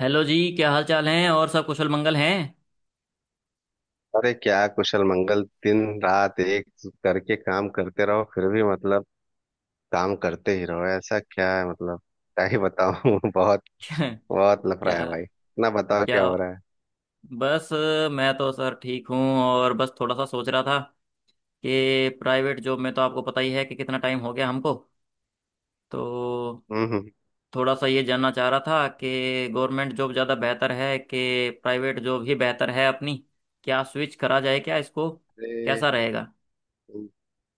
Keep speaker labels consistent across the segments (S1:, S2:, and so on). S1: Hello जी, क्या हाल चाल हैं? और सब कुशल मंगल हैं?
S2: अरे, क्या कुशल मंगल। दिन रात एक करके काम करते रहो, फिर भी मतलब काम करते ही रहो। ऐसा क्या है, मतलब क्या ही बताऊं। बहुत
S1: क्या?
S2: बहुत लफड़ा
S1: क्या?
S2: है भाई। इतना बताओ
S1: क्या?
S2: क्या हो रहा है।
S1: बस मैं तो सर ठीक हूँ। और बस थोड़ा सा सोच रहा था कि प्राइवेट जॉब में तो आपको पता ही है कि कितना टाइम हो गया हमको। तो
S2: हम्म हम्म।
S1: थोड़ा सा ये जानना चाह रहा था कि गवर्नमेंट जॉब ज़्यादा बेहतर है कि प्राइवेट जॉब ही बेहतर है अपनी। क्या स्विच करा जाए क्या इसको?
S2: अरे,
S1: कैसा रहेगा?
S2: तुम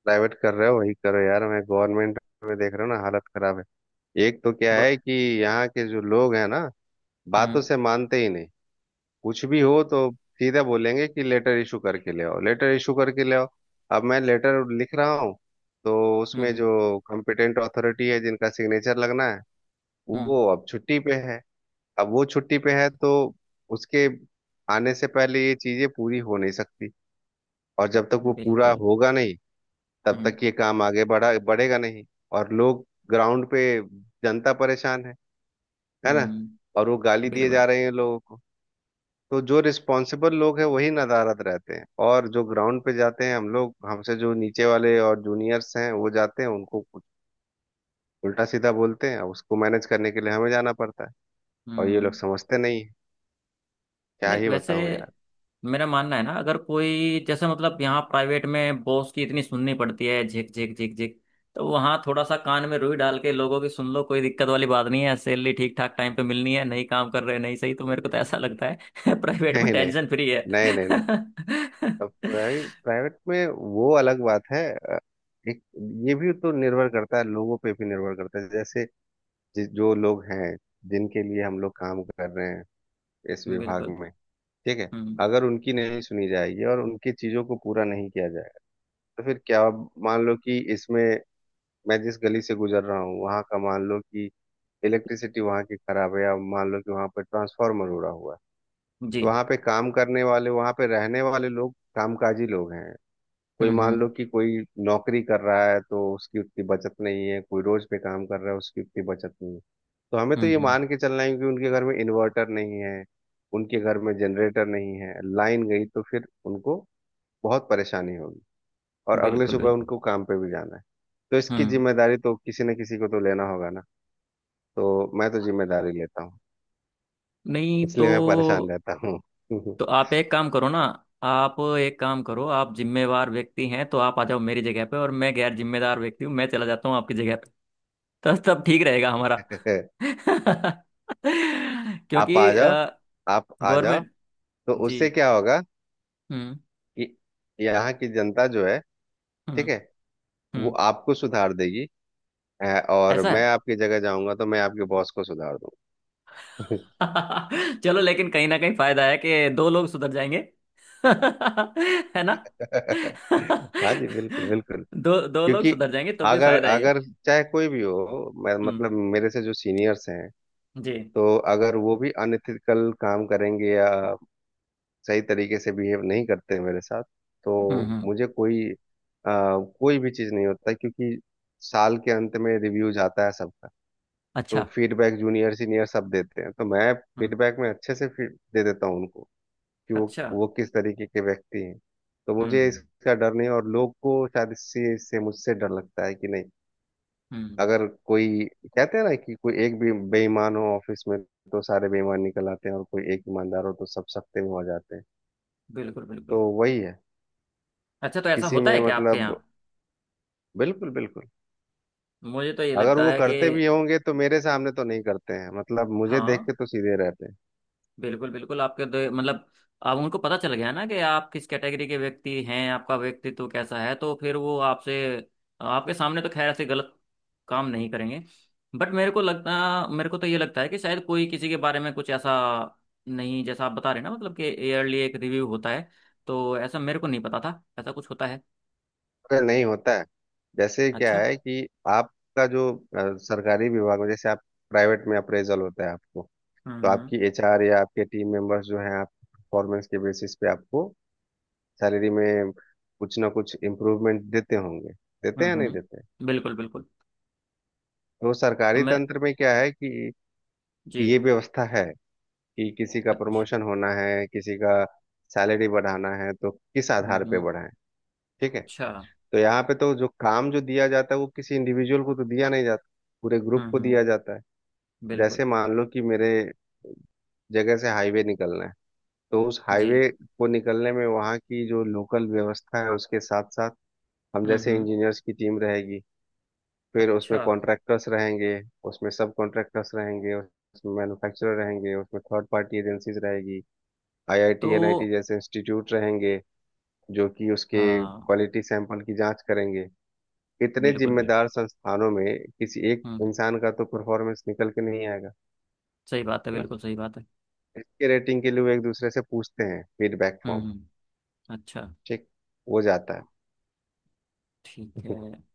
S2: प्राइवेट कर रहे हो वही करो यार। मैं गवर्नमेंट में देख रहा हूँ ना, हालत खराब है। एक तो क्या
S1: ग-
S2: है कि यहाँ के जो लोग हैं ना, बातों
S1: हम्म।
S2: से मानते ही नहीं। कुछ भी हो तो सीधे बोलेंगे कि लेटर इशू करके ले आओ, लेटर इशू करके ले आओ। अब मैं लेटर लिख रहा हूँ, तो उसमें
S1: हम्म।
S2: जो कॉम्पिटेंट अथॉरिटी है, जिनका सिग्नेचर लगना है,
S1: हम्म।
S2: वो अब छुट्टी पे है। अब वो छुट्टी पे है, तो उसके आने से पहले ये चीजें पूरी हो नहीं सकती। और जब तक वो पूरा
S1: बिल्कुल।
S2: होगा नहीं, तब तक
S1: हम्म।
S2: ये काम आगे बढ़ा बढ़ेगा नहीं। और लोग ग्राउंड पे, जनता परेशान है ना।
S1: हम्म।
S2: और वो गाली दिए
S1: बिल्कुल।
S2: जा रहे हैं लोगों को। तो जो रिस्पॉन्सिबल लोग हैं वही नदारद रहते हैं, और जो ग्राउंड पे जाते हैं हम लोग, हमसे जो नीचे वाले और जूनियर्स हैं वो जाते हैं, उनको कुछ उल्टा सीधा बोलते हैं, उसको मैनेज करने के लिए हमें जाना पड़ता है। और ये लोग
S1: हम्म।
S2: समझते नहीं हैं। क्या
S1: नहीं,
S2: ही
S1: वैसे
S2: बताऊं यार।
S1: मेरा मानना है ना, अगर कोई जैसे मतलब यहाँ प्राइवेट में बॉस की इतनी सुननी पड़ती है, झिक झिक झिक झिक। तो वहाँ थोड़ा सा कान में रुई डाल के लोगों की सुन लो, कोई दिक्कत वाली बात नहीं है। सैलरी ठीक ठाक टाइम पे मिलनी है, नहीं काम कर रहे नहीं सही, तो मेरे को तो ऐसा लगता है प्राइवेट में
S2: नहीं नहीं
S1: टेंशन फ्री है।
S2: नहीं, नहीं नहीं नहीं नहीं। अब प्राइवेट में वो अलग बात है। एक, ये भी तो निर्भर करता है, लोगों पे भी निर्भर करता है। जैसे जो लोग हैं जिनके लिए हम लोग काम कर रहे हैं इस विभाग
S1: बिल्कुल।
S2: में, ठीक है।
S1: हम्म।
S2: अगर उनकी नहीं सुनी जाएगी और उनकी चीजों को पूरा नहीं किया जाएगा, तो फिर क्या? मान लो कि इसमें मैं जिस गली से गुजर रहा हूँ, वहां का मान लो कि इलेक्ट्रिसिटी वहां की खराब है, या मान लो कि वहां पर ट्रांसफार्मर उड़ा हुआ है।
S1: जी।
S2: तो वहां पे काम करने वाले, वहां पे रहने वाले लोग, कामकाजी लोग हैं।
S1: हम्म।
S2: कोई मान लो
S1: हम्म।
S2: कि कोई नौकरी कर रहा है, तो उसकी उतनी बचत नहीं है। कोई रोज पे काम कर रहा है, उसकी उतनी बचत नहीं है। तो हमें तो ये
S1: हम्म। हम्म।
S2: मान के चलना है कि उनके घर में इन्वर्टर नहीं है, उनके घर में जनरेटर नहीं है। लाइन गई तो फिर उनको बहुत परेशानी होगी। और अगले
S1: बिल्कुल
S2: सुबह
S1: बिल्कुल।
S2: उनको काम पे भी जाना है। तो इसकी
S1: हम्म।
S2: जिम्मेदारी तो किसी न किसी को तो लेना होगा ना। तो मैं तो जिम्मेदारी लेता हूँ,
S1: नहीं। तो
S2: इसलिए मैं परेशान रहता हूँ।
S1: तो आप एक काम करो ना। आप एक काम करो, आप जिम्मेवार व्यक्ति हैं तो आप आ जाओ मेरी जगह पे और मैं गैर जिम्मेदार व्यक्ति हूँ, मैं चला जाता हूँ आपकी जगह पे। तो तब ठीक रहेगा हमारा। क्योंकि
S2: आप आ जाओ, आप आ जाओ।
S1: गवर्नमेंट।
S2: तो
S1: जी।
S2: उससे क्या होगा
S1: हम्म।
S2: कि यहाँ की जनता जो है, ठीक
S1: हम्म।
S2: है, वो
S1: हम्म।
S2: आपको सुधार देगी। और
S1: ऐसा
S2: मैं
S1: है?
S2: आपकी जगह जाऊंगा तो मैं आपके बॉस को सुधार दूंगा।
S1: चलो, लेकिन कहीं ना कहीं फायदा है कि दो लोग सुधर जाएंगे। है ना?
S2: हाँ जी, बिल्कुल बिल्कुल।
S1: दो दो लोग
S2: क्योंकि
S1: सुधर जाएंगे तब भी
S2: अगर
S1: फायदा ही है।
S2: अगर चाहे कोई भी हो, मैं
S1: हम्म।
S2: मतलब मेरे से जो सीनियर्स हैं,
S1: जी।
S2: तो अगर वो भी अनएथिकल काम करेंगे या सही तरीके से बिहेव नहीं करते मेरे साथ, तो
S1: हम्म। हम्म।
S2: मुझे कोई कोई भी चीज़ नहीं होता। क्योंकि साल के अंत में रिव्यूज आता है सबका, तो
S1: अच्छा।
S2: फीडबैक जूनियर सीनियर सब देते हैं। तो मैं
S1: हम्म।
S2: फीडबैक में अच्छे से फीड दे देता हूँ उनको, कि वो
S1: अच्छा।
S2: वो किस तरीके के व्यक्ति हैं। तो मुझे
S1: हम्म।
S2: इसका डर नहीं है। और लोग को शायद इससे इससे मुझसे डर लगता है कि नहीं।
S1: हम्म।
S2: अगर कोई, कहते हैं ना कि कोई एक भी बेईमान हो ऑफिस में, तो सारे बेईमान निकल आते हैं, और कोई एक ईमानदार हो तो सब सख्ते में हो जाते हैं।
S1: बिल्कुल
S2: तो
S1: बिल्कुल।
S2: वही है।
S1: अच्छा, तो ऐसा
S2: किसी
S1: होता
S2: में
S1: है क्या आपके
S2: मतलब,
S1: यहाँ?
S2: बिल्कुल बिल्कुल।
S1: मुझे तो ये
S2: अगर
S1: लगता
S2: वो
S1: है कि
S2: करते भी होंगे तो मेरे सामने तो नहीं करते हैं, मतलब मुझे देख
S1: हाँ,
S2: के तो सीधे रहते हैं।
S1: बिल्कुल बिल्कुल। आपके दो मतलब, अब उनको पता चल गया ना कि आप किस कैटेगरी के व्यक्ति हैं, आपका व्यक्तित्व कैसा है, तो फिर वो आपसे आपके सामने तो खैर ऐसे गलत काम नहीं करेंगे। बट मेरे को तो ये लगता है कि शायद कोई किसी के बारे में कुछ ऐसा नहीं, जैसा आप बता रहे हैं ना, मतलब कि ईयरली एक रिव्यू होता है, तो ऐसा मेरे को नहीं पता था ऐसा कुछ होता है।
S2: अरे नहीं, होता है। जैसे क्या
S1: अच्छा।
S2: है कि आपका जो सरकारी विभाग में, जैसे आप प्राइवेट में अप्रेजल होता है आपको, तो
S1: हम्म। हम्म।
S2: आपकी एचआर या आपके टीम मेंबर्स जो हैं, आप परफॉर्मेंस के बेसिस पे आपको सैलरी में कुछ ना कुछ इम्प्रूवमेंट देते होंगे, देते
S1: हम्म।
S2: हैं या नहीं देते।
S1: हम्म। बिल्कुल बिल्कुल।
S2: तो
S1: तो
S2: सरकारी
S1: मैं।
S2: तंत्र में क्या है कि ये
S1: जी।
S2: व्यवस्था है कि किसी का
S1: अच्छा।
S2: प्रमोशन होना है, किसी का सैलरी बढ़ाना है, तो किस
S1: हम्म
S2: आधार पे
S1: हम्म,
S2: बढ़ाएं, ठीक है।
S1: अच्छा।
S2: तो यहाँ पे तो जो काम जो दिया जाता है, वो किसी इंडिविजुअल को तो दिया नहीं जाता, पूरे ग्रुप
S1: हम्म।
S2: को
S1: हम्म।
S2: दिया जाता है।
S1: बिल्कुल।
S2: जैसे मान लो कि मेरे जगह से हाईवे निकलना है, तो उस
S1: जी।
S2: हाईवे को निकलने में वहाँ की जो लोकल व्यवस्था है, उसके साथ साथ हम
S1: हम्म।
S2: जैसे
S1: हम्म।
S2: इंजीनियर्स की टीम रहेगी, फिर उसमें
S1: अच्छा।
S2: कॉन्ट्रैक्टर्स रहेंगे, उसमें सब कॉन्ट्रैक्टर्स रहेंगे, उसमें मैन्युफैक्चरर रहेंगे, उसमें थर्ड पार्टी एजेंसीज रहेगी, आईआईटी
S1: तो
S2: एनआईटी जैसे इंस्टीट्यूट रहेंगे, जो कि उसके
S1: हाँ,
S2: क्वालिटी सैंपल की जांच करेंगे। इतने
S1: बिल्कुल बिल्कुल।
S2: जिम्मेदार संस्थानों में किसी एक
S1: हम्म।
S2: इंसान का तो परफॉर्मेंस निकल के नहीं आएगा,
S1: सही बात है,
S2: है ना।
S1: बिल्कुल सही बात है।
S2: इसके रेटिंग के लिए वो एक दूसरे से पूछते हैं फीडबैक
S1: हम्म
S2: फॉर्म,
S1: हम्म, अच्छा।
S2: ठीक, वो जाता है।
S1: ठीक है।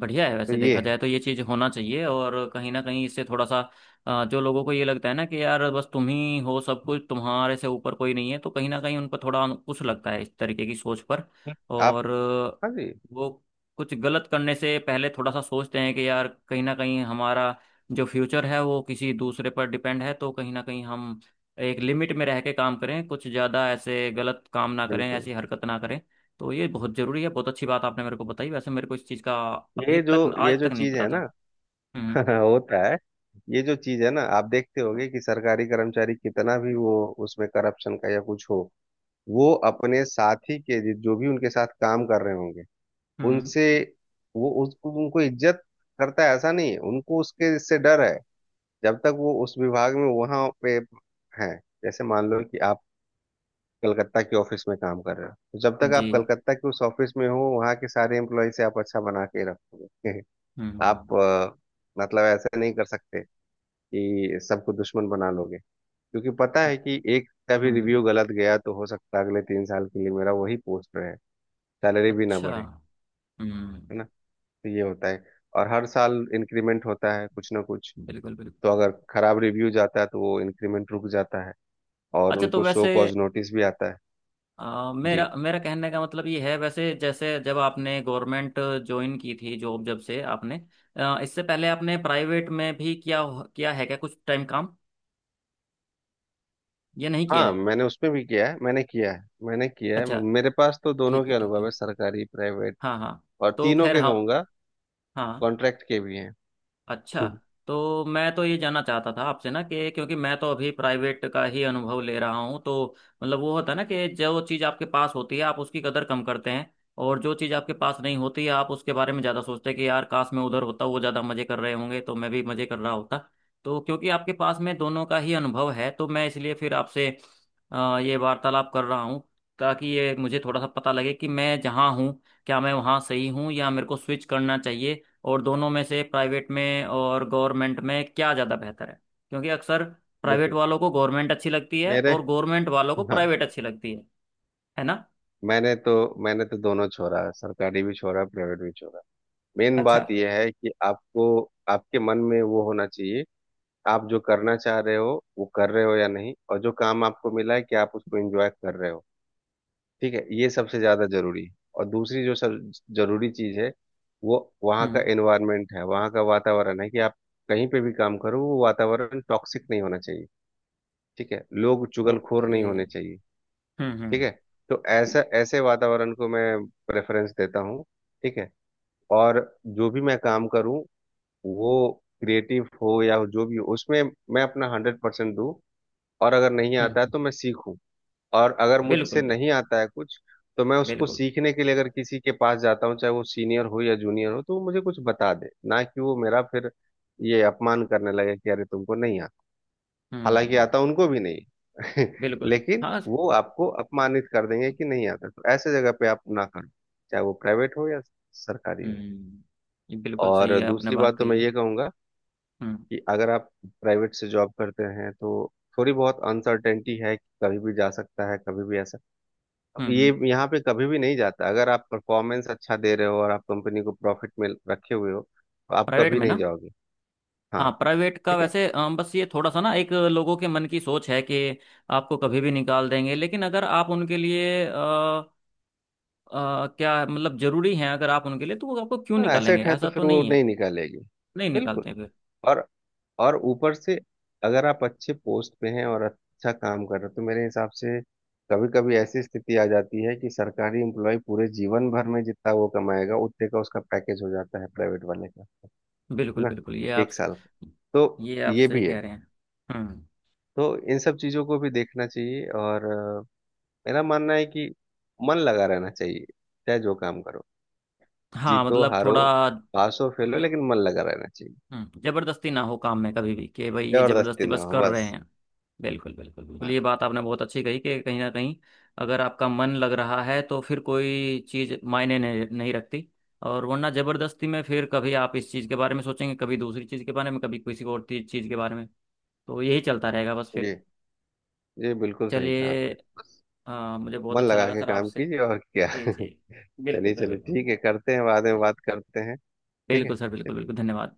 S1: बढ़िया है,
S2: तो
S1: वैसे
S2: ये
S1: देखा जाए
S2: है।
S1: तो ये चीज़ होना चाहिए, और कहीं ना कहीं इससे थोड़ा सा जो लोगों को ये लगता है ना कि यार बस तुम ही हो सब कुछ, तुम्हारे से ऊपर कोई नहीं है, तो कहीं ना कहीं उन पर थोड़ा अंकुश लगता है इस तरीके की सोच पर।
S2: आप,
S1: और
S2: हाँ जी,
S1: वो कुछ गलत करने से पहले थोड़ा सा सोचते हैं कि यार कहीं ना कहीं हमारा जो फ्यूचर है वो किसी दूसरे पर डिपेंड है, तो कहीं ना कहीं हम एक लिमिट में रह के काम करें, कुछ ज़्यादा ऐसे गलत काम ना करें,
S2: बिल्कुल।
S1: ऐसी हरकत ना करें। तो ये बहुत जरूरी है, बहुत अच्छी बात आपने मेरे को बताई वैसे, मेरे को इस चीज़ का अभी
S2: ये जो
S1: तक आज
S2: ये
S1: तक
S2: जो
S1: नहीं
S2: चीज
S1: पता
S2: है ना,
S1: था। हम्म।
S2: होता है। ये जो चीज है ना, आप देखते होंगे कि सरकारी कर्मचारी कितना भी वो उसमें करप्शन का या कुछ हो, वो अपने साथी के जो भी उनके साथ काम कर रहे होंगे
S1: हम्म।
S2: उनसे, वो उसको उनको इज्जत करता है। ऐसा नहीं है, उनको उसके इससे डर है। जब तक वो उस विभाग में वहां पे हैं। जैसे मान लो कि आप कलकत्ता के ऑफिस में काम कर रहे हो, तो जब तक
S1: जी।
S2: आप कलकत्ता के उस ऑफिस में हो, वहाँ के सारे एम्प्लॉय से आप अच्छा बना के रखोगे।
S1: हम्म।
S2: आप मतलब ऐसा नहीं कर सकते कि सबको दुश्मन बना लोगे, क्योंकि पता है कि एक का भी
S1: हम्म।
S2: रिव्यू गलत गया तो हो सकता है अगले 3 साल के लिए मेरा वही पोस्ट रहे, सैलरी भी ना
S1: अच्छा।
S2: बढ़े,
S1: हम्म।
S2: है ना। तो ये होता है। और हर साल इंक्रीमेंट होता है कुछ ना कुछ,
S1: बिल्कुल बिल्कुल।
S2: तो अगर खराब रिव्यूज आता है तो वो इंक्रीमेंट रुक जाता है, और
S1: अच्छा, तो
S2: उनको शो
S1: वैसे
S2: कॉज नोटिस भी आता है। जी।
S1: मेरा मेरा कहने का मतलब ये है, वैसे जैसे जब आपने गवर्नमेंट ज्वाइन की थी जॉब, जब से आपने इससे पहले आपने प्राइवेट में भी किया किया है क्या कुछ टाइम काम, या नहीं किया
S2: हाँ,
S1: है?
S2: मैंने उसमें भी किया है, मैंने किया है, मैंने किया है।
S1: अच्छा।
S2: मेरे पास तो दोनों
S1: ठीक
S2: के
S1: है, ठीक
S2: अनुभव
S1: है।
S2: है, सरकारी प्राइवेट।
S1: हाँ हाँ।
S2: और
S1: तो
S2: तीनों
S1: खैर
S2: के
S1: हाँ।
S2: कहूंगा,
S1: हाँ।
S2: कॉन्ट्रैक्ट के भी हैं।
S1: अच्छा।
S2: हम्म,
S1: तो मैं तो ये जानना चाहता था आपसे ना, कि क्योंकि मैं तो अभी प्राइवेट का ही अनुभव ले रहा हूँ, तो मतलब वो होता है ना कि जो चीज़ आपके पास होती है आप उसकी कदर कम करते हैं, और जो चीज़ आपके पास नहीं होती है आप उसके बारे में ज़्यादा सोचते हैं कि यार काश मैं उधर होता, वो ज़्यादा मज़े कर रहे होंगे तो मैं भी मज़े कर रहा होता। तो क्योंकि आपके पास में दोनों का ही अनुभव है तो मैं इसलिए फिर आपसे ये वार्तालाप कर रहा हूँ, ताकि ये मुझे थोड़ा सा पता लगे कि मैं जहाँ हूँ, क्या मैं वहाँ सही हूँ या मेरे को स्विच करना चाहिए, और दोनों में से प्राइवेट में और गवर्नमेंट में क्या ज़्यादा बेहतर है। क्योंकि अक्सर प्राइवेट
S2: देखिए,
S1: वालों को गवर्नमेंट अच्छी लगती है
S2: मेरे,
S1: और गवर्नमेंट वालों को
S2: हाँ,
S1: प्राइवेट अच्छी लगती है ना?
S2: मैंने तो मैंने तो दोनों छोड़ा है, सरकारी भी छोड़ा प्राइवेट भी छोड़ा। मेन
S1: अच्छा।
S2: बात यह है कि आपको आपके मन में वो होना चाहिए। आप जो करना चाह रहे हो वो कर रहे हो या नहीं, और जो काम आपको मिला है कि आप उसको एंजॉय कर रहे हो, ठीक है। ये सबसे ज्यादा जरूरी है। और दूसरी जो सब जरूरी चीज है, वो वहाँ का
S1: हम्म।
S2: एनवायरनमेंट है, वहाँ का वातावरण है, कि आप कहीं पे भी काम करो वो वातावरण टॉक्सिक नहीं होना चाहिए, ठीक है। लोग चुगलखोर
S1: ओके।
S2: नहीं होने चाहिए,
S1: हम्म।
S2: ठीक
S1: हम्म।
S2: है। तो ऐसा ऐसे वातावरण को मैं प्रेफरेंस देता हूँ, ठीक है। और जो भी मैं काम करूँ, वो क्रिएटिव हो या जो भी हो, उसमें मैं अपना 100% दूँ। और अगर नहीं
S1: हम्म।
S2: आता है तो मैं सीखूं। और अगर
S1: बिल्कुल
S2: मुझसे
S1: बिल्कुल
S2: नहीं आता है कुछ, तो मैं उसको
S1: बिल्कुल।
S2: सीखने के लिए अगर किसी के पास जाता हूँ, चाहे वो सीनियर हो या जूनियर हो, तो वो मुझे कुछ बता दे ना, कि वो मेरा फिर ये अपमान करने लगे कि अरे तुमको नहीं आता,
S1: हम्म।
S2: हालांकि आता उनको भी नहीं।
S1: बिल्कुल
S2: लेकिन
S1: हाँ।
S2: वो आपको अपमानित कर देंगे कि नहीं आता, तो ऐसे जगह पे आप ना करो, चाहे वो प्राइवेट हो या सरकारी हो।
S1: हम्म। ये बिल्कुल सही
S2: और
S1: है आपने
S2: दूसरी
S1: बात
S2: बात तो
S1: कही
S2: मैं
S1: है।
S2: ये कहूंगा
S1: हम्म।
S2: कि अगर आप प्राइवेट से जॉब करते हैं तो थोड़ी बहुत अनसर्टेनिटी है कि कभी भी जा सकता है, कभी भी ऐसा।
S1: हम्म।
S2: ये
S1: हम्म।
S2: यहाँ पे कभी भी नहीं जाता, अगर आप परफॉर्मेंस अच्छा दे रहे हो और आप कंपनी को प्रॉफिट में रखे हुए हो तो आप
S1: प्राइवेट
S2: कभी
S1: में
S2: नहीं
S1: ना?
S2: जाओगे। हाँ।
S1: हाँ। प्राइवेट का
S2: ठीक है।
S1: वैसे बस ये थोड़ा सा ना, एक लोगों के मन की सोच है कि आपको कभी भी निकाल देंगे, लेकिन अगर आप उनके लिए क्या मतलब जरूरी हैं, अगर आप उनके लिए, तो वो आपको क्यों
S2: हाँ,
S1: निकालेंगे?
S2: एसेट है तो
S1: ऐसा तो
S2: फिर वो
S1: नहीं है।
S2: नहीं निकालेगी।
S1: नहीं
S2: बिल्कुल।
S1: निकालते फिर।
S2: और और ऊपर से, अगर आप अच्छे पोस्ट पे हैं और अच्छा काम कर रहे हो, तो मेरे हिसाब से कभी कभी ऐसी स्थिति आ जाती है कि सरकारी एम्प्लॉय पूरे जीवन भर में जितना वो कमाएगा, उतने का उसका पैकेज हो जाता है प्राइवेट वाले का, है
S1: बिल्कुल
S2: ना,
S1: बिल्कुल।
S2: एक साल का। तो
S1: ये आप
S2: ये
S1: सही
S2: भी है।
S1: कह रहे हैं। हम्म।
S2: तो इन सब चीजों को भी देखना चाहिए। और मेरा मानना है कि मन लगा रहना चाहिए। चाहे जो काम करो,
S1: हाँ
S2: जीतो
S1: मतलब
S2: हारो,
S1: थोड़ा
S2: पास हो फेल हो,
S1: ज-
S2: लेकिन मन लगा रहना चाहिए।
S1: जबरदस्ती ना हो काम में कभी भी कि भाई ये
S2: जबरदस्ती
S1: जबरदस्ती बस
S2: ना हो
S1: कर रहे
S2: बस।
S1: हैं। बिल्कुल बिल्कुल बिल्कुल,
S2: हाँ।
S1: ये बात आपने बहुत अच्छी कही कि कहीं ना कहीं, अगर आपका मन लग रहा है तो फिर कोई चीज़ मायने नहीं रखती। और वरना जबरदस्ती में फिर कभी आप इस चीज़ के बारे में सोचेंगे, कभी दूसरी चीज़ के बारे में, कभी किसी और चीज़ के बारे में, तो यही चलता रहेगा बस फिर।
S2: जी जी, बिल्कुल सही कहा
S1: चलिए,
S2: आपने।
S1: मुझे बहुत
S2: मन
S1: अच्छा
S2: लगा
S1: लगा
S2: के
S1: सर
S2: काम
S1: आपसे।
S2: कीजिए, और क्या।
S1: जी जी, बिल्कुल
S2: चलिए
S1: सर
S2: चलिए,
S1: बिल्कुल।
S2: ठीक है, करते हैं, बाद में
S1: जी,
S2: बात करते हैं। ठीक है।
S1: बिल्कुल सर, बिल्कुल बिल्कुल,
S2: चलिए।
S1: धन्यवाद।